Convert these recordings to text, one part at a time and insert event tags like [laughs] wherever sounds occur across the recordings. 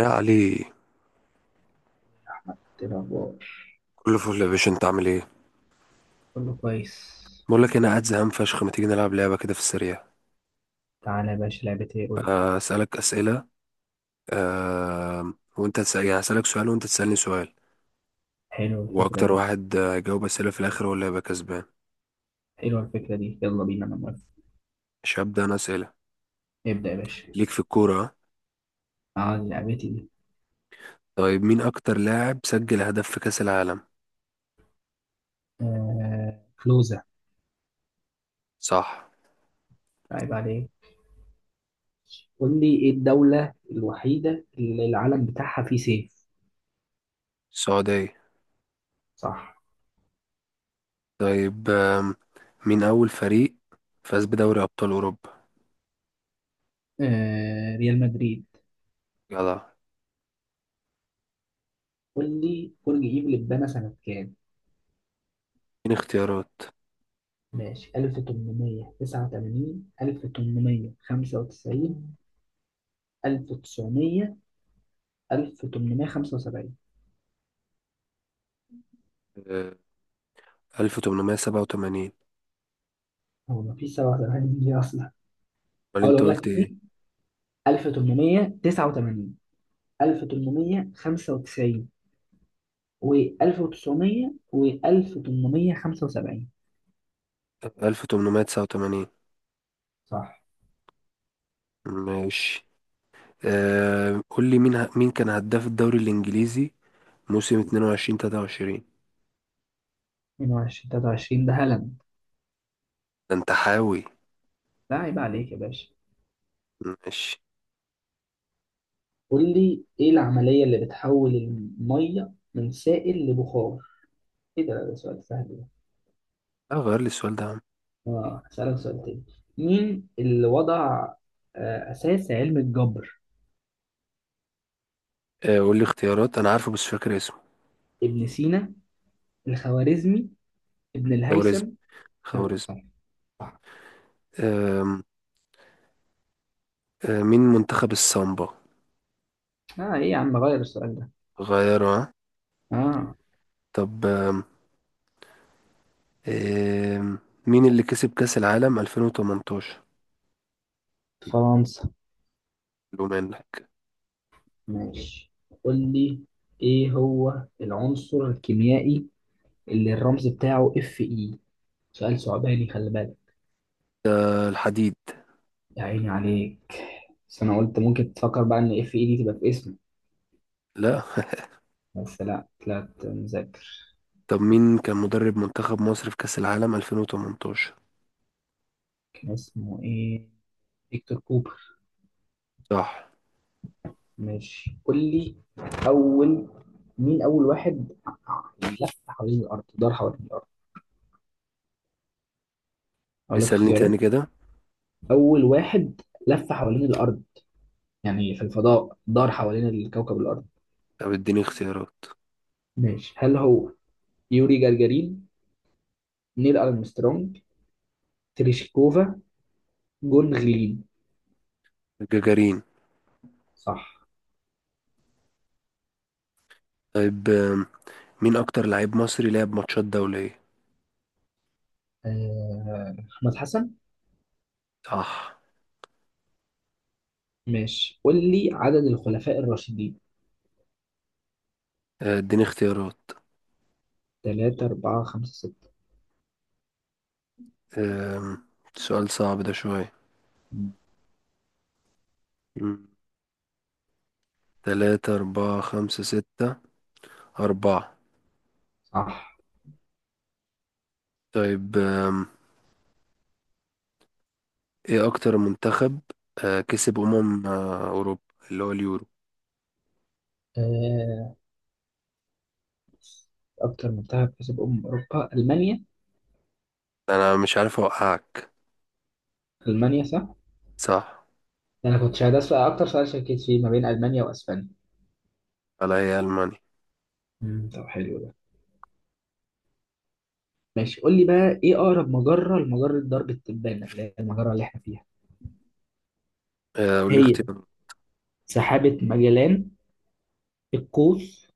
يا علي، إيه الأخبار؟ كله فل يا باشا، انت عامل ايه؟ كله كويس. بقول لك انا قاعد زهقان فشخ، ما تيجي نلعب لعبه كده في السريع؟ تعالى يا باشا، لعبة ايه؟ قول لي. انا اسالك اسئله. وانت تسال، يعني اسالك سؤال وانت تسالني سؤال. حلوة الفكرة واكتر دي. واحد يجاوب اسئله في الاخر، هو اللي هيبقى كسبان. حلوة الفكرة دي، يلا بينا، انا موافق. مش هبدا انا اسئله؟ ابدأ يا باشا. ليك في الكوره، اه؟ عاد لعبتي دي. طيب، مين اكتر لاعب سجل هدف في كاس العالم؟ كلوزة. صح. عيب عليك. قول لي، إيه الدولة الوحيدة اللي العلم بتاعها فيه سيف؟ السعوديه. صح. طيب، مين اول فريق فاز بدوري ابطال اوروبا؟ ريال مدريد. يلا. قول لي، برج إيفل اتبنى سنة كام؟ مين اختيارات؟ ماشي، 1889، 1895، 1900، 1875. آه، 1887. هو مفيش 97 دي أصلا. امال انت اقولهم لك قلت؟ تاني. 1889، 1895، و1900، و1875. 1889. صح. ماشي. قول لي مين مين كان هداف الدوري الإنجليزي موسم اتنين وعشرين تلاتة وعشرين؟ 22، 23، ده هلم. ده أنت حاوي. لا، عيب عليك يا باشا. ماشي. قول لي، ايه العملية اللي بتحول المية من سائل لبخار؟ ايه ده سؤال سهل ده. اه، غير لي السؤال ده يا عم. اه، هسألك سؤال تاني. مين اللي وضع أساس علم الجبر؟ قول لي اختيارات، أنا عارفه بس فاكر اسمه. ابن سينا، الخوارزمي، ابن الهيثم. خوارزم، خوارزم. صح. صح. آم، آه مين منتخب السامبا؟ اه، ايه يا عم، غير السؤال ده. غيره، ها؟ اه. طب، آم، آم، مين اللي كسب كأس العالم 2018؟ فرنسا. لو منك. ماشي. قول لي، ايه هو العنصر الكيميائي اللي الرمز بتاعه اف اي؟ سؤال صعباني، خلي بالك. آه، الحديد. يا عيني عليك. بس انا قلت ممكن تفكر بقى ان اف اي دي تبقى في اسمه. لا. بس لا، طلعت مذاكر. [laughs] طب، مين كان مدرب منتخب مصر في كأس العالم 2018؟ كان اسمه ايه؟ فيكتور كوبر. صح. ماشي، قول لي اول مين اول واحد يعني لف حوالين الارض، دار حوالين الارض؟ اقول لك اسألني تاني اختيارات. كده. اول واحد لف حوالين الارض، يعني في الفضاء دار حوالين الكوكب الارض. طب اديني اختيارات. ماشي، هل هو يوري جagarin، نيل أرمسترونج، تريشكوفا، جون غلين؟ جاجارين. صح. طيب، مين اكتر لعيب مصري لعب ماتشات دولية؟ أحمد حسن. صح. ماشي، قول لي عدد الخلفاء الراشدين. اديني اختيارات. تلاتة، أربعة، خمسة، ستة. آم، سؤال صعب ده شوية. مم. مم. تلاتة أربعة خمسة ستة. أربعة. صح. طيب، ايه اكتر منتخب كسب أمم أوروبا، اللي هو اليورو؟ آه، أكتر منتخب كسب أمم أوروبا ألمانيا. انا مش عارف اوقعك. ألمانيا، صح. صح. أنا كنت شايف أكتر سؤال شكيت فيه ما بين ألمانيا وأسبانيا. على هي ألمانيا. مم، طب حلو ده. ماشي، قول لي بقى، إيه أقرب مجرة لمجرة درب التبانة اللي هي المجرة اللي إحنا فيها؟ قول لي هي اختيار. سحابة ماجلان، القوس،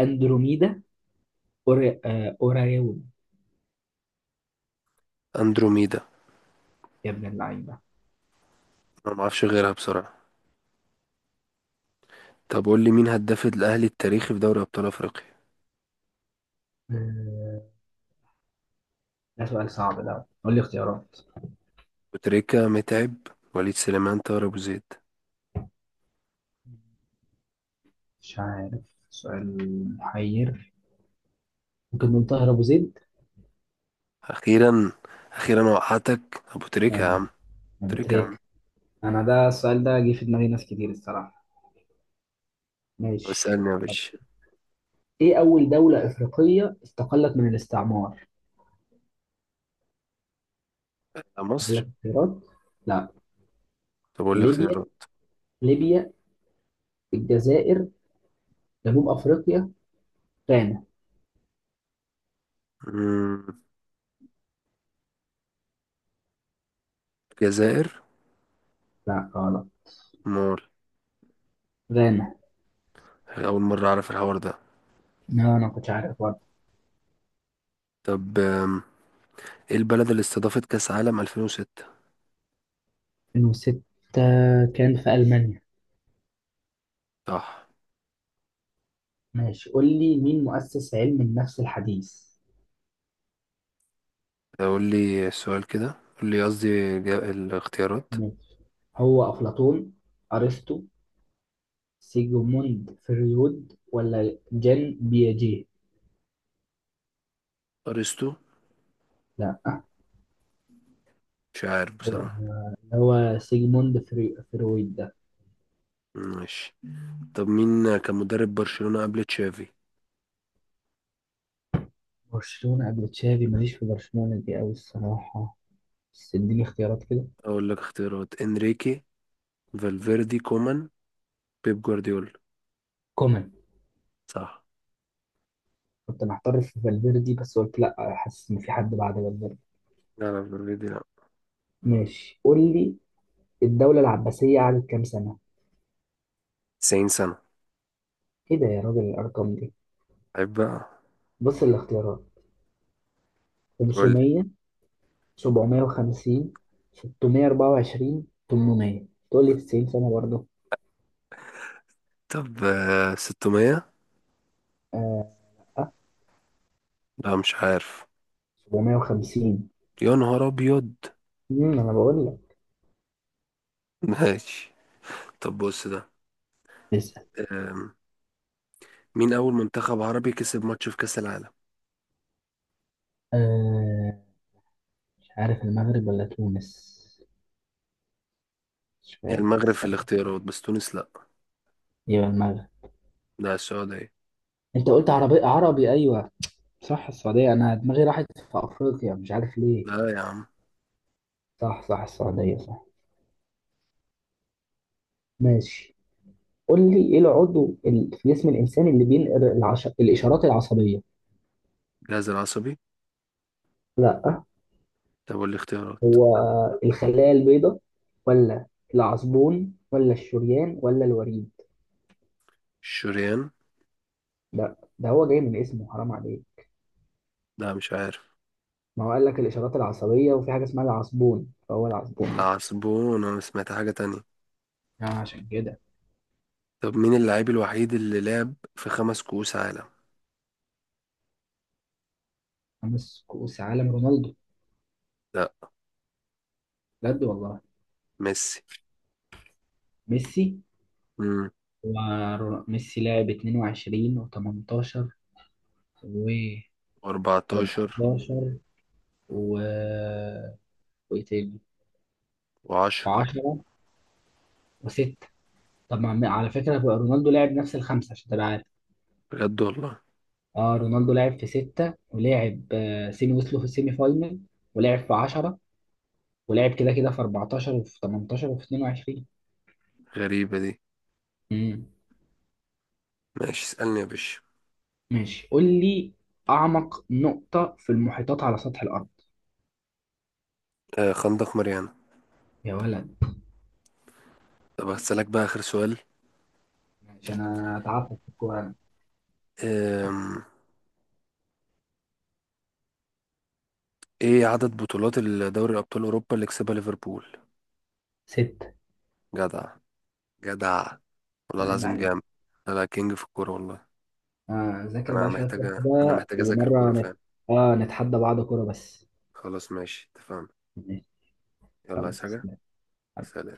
اندروميدا، أوري... آه، اوراريون. اندروميدا. يا ابن اللعيبه. انا معرفش غيرها بسرعة. طب قول لي مين هداف الأهلي التاريخي في دوري أبطال أفريقيا؟ آه، ده سؤال صعب ده. قول لي اختيارات. وتريكة، متعب، وليد سليمان، طاهر أبو زيد. مش عارف، سؤال محير، ممكن نقول طاهر ابو زيد. أخيرا، أخيرا وقعتك أبو تريكة يا آه، عم. ابو تريكة يا عم. تريك. انا ده السؤال ده جه في دماغي ناس كتير الصراحه. طب ماشي. اسألني يا طب، باشا. ايه اول دوله افريقيه استقلت من الاستعمار؟ اقول مصر. لك اختيارات. لا. طب قول لي ليبيا اختيارات. ليبيا الجزائر، جنوب افريقيا، غانا. مم، الجزائر. لا غلط، مول. غانا. أول مرة أعرف الحوار ده. لا، انا ما كنتش عارف. طب، إيه البلد اللي استضافت كأس عالم 2006؟ 2006 كان في ألمانيا. صح. ماشي، قول لي مين مؤسس علم النفس الحديث؟ طب قول لي السؤال كده، قول لي قصدي الاختيارات. ماشي، هو أفلاطون، أرسطو، سيجموند فريود، ولا جان بياجيه؟ أرسطو. لا. مش عارف هو بصراحة. هو سيجموند فرويد ده. ماشي. طب، مين كان مدرب برشلونة قبل تشافي؟ برشلونة قبل تشافي، ماليش في برشلونة دي أوي الصراحة. بس اديني اختيارات كده. اقول لك اختيارات: انريكي، فالفيردي، كومان، بيب جوارديولا. كومان. صح. كنت محتار في فالفيردي، بس قلت لا، حاسس إن في حد بعد فالفيردي. لا، لا، فالفيردي لا. ماشي، قول لي، الدولة العباسية قعدت كام سنة؟ 90 سنة. ايه ده يا راجل، الارقام دي. عيب بقى. بص الاختيارات. قول لي. 500، 750، 624، 800، تقول لي 90 سنة برضه؟ طب، 600. اه. لا، مش عارف. 750. يا نهار ابيض. انا بقول لك. ماشي. طب بص ده. اسأل. آم، مين اول منتخب عربي كسب ماتش في كأس العالم؟ آه مش عارف، المغرب ولا تونس؟ مش هي فاكر المغرب في الصراحة. الاختيارات بس تونس لا. يبقى المغرب. لا، السعودية. انت قلت عربي عربي، ايوه. صح، السعودية، انا دماغي راحت في افريقيا، مش عارف ليه. لا يا عم. صح، صح، السعودية، صح. ماشي. قول لي، ايه العضو في جسم الانسان اللي بينقل الاشارات العصبية؟ جهاز العصبي. لا. طب والاختيارات؟ هو الخلايا البيضاء، ولا العصبون، ولا الشريان، ولا الوريد؟ الشريان. ده هو جاي من اسمه، حرام عليك. لا، مش عارف. ما هو قال لك الإشارات العصبية، وفي حاجة اسمها العصبون، فهو العصبون ده. العصبون؟ انا سمعت حاجة تانية. يعني عشان كده. طب، مين اللاعب الوحيد اللي لعب في خمس كؤوس عالم؟ خمس كؤوس عالم، رونالدو؟ لا. بجد والله. ميسي. ميسي. امم. وميسي لعب 22، و18، و14، 14 و وايه تاني؟ و10. و10، و6. طب، ما عم- على فكرة بقى رونالدو لعب نفس الخمسة عشان تبقى عارف. بجد والله؟ اه، رونالدو لعب في ستة، ولعب سيمي، وصلوا في السيمي فاينل. ولعب في 10. ولعب كده كده في 14، وفي 18، وفي 22. غريبة دي. امم. ماشي، اسألني يا باشا. ماشي، قول لي أعمق نقطة في المحيطات على سطح الأرض؟ آه، خندق ماريانا. يا ولد. طب هسألك بقى آخر سؤال. ماشي، أنا تعبت في الكورة أنا. آم. ايه عدد بطولات الدوري ابطال اوروبا اللي كسبها ليفربول؟ ستة. جدع! جدع! والله عيب العظيم عليك. جامد. لا، لا، كينج في الكورة والله. ذاكر انا بقى شوية كورة محتاجة انا كده، محتاجة اذاكر ومرة كورة نت... فعلا. آه نتحدى بعض كورة بس. خلاص، ماشي، اتفقنا. ماشي. يلا، يلا، عايز حاجة؟ سلام. سلام.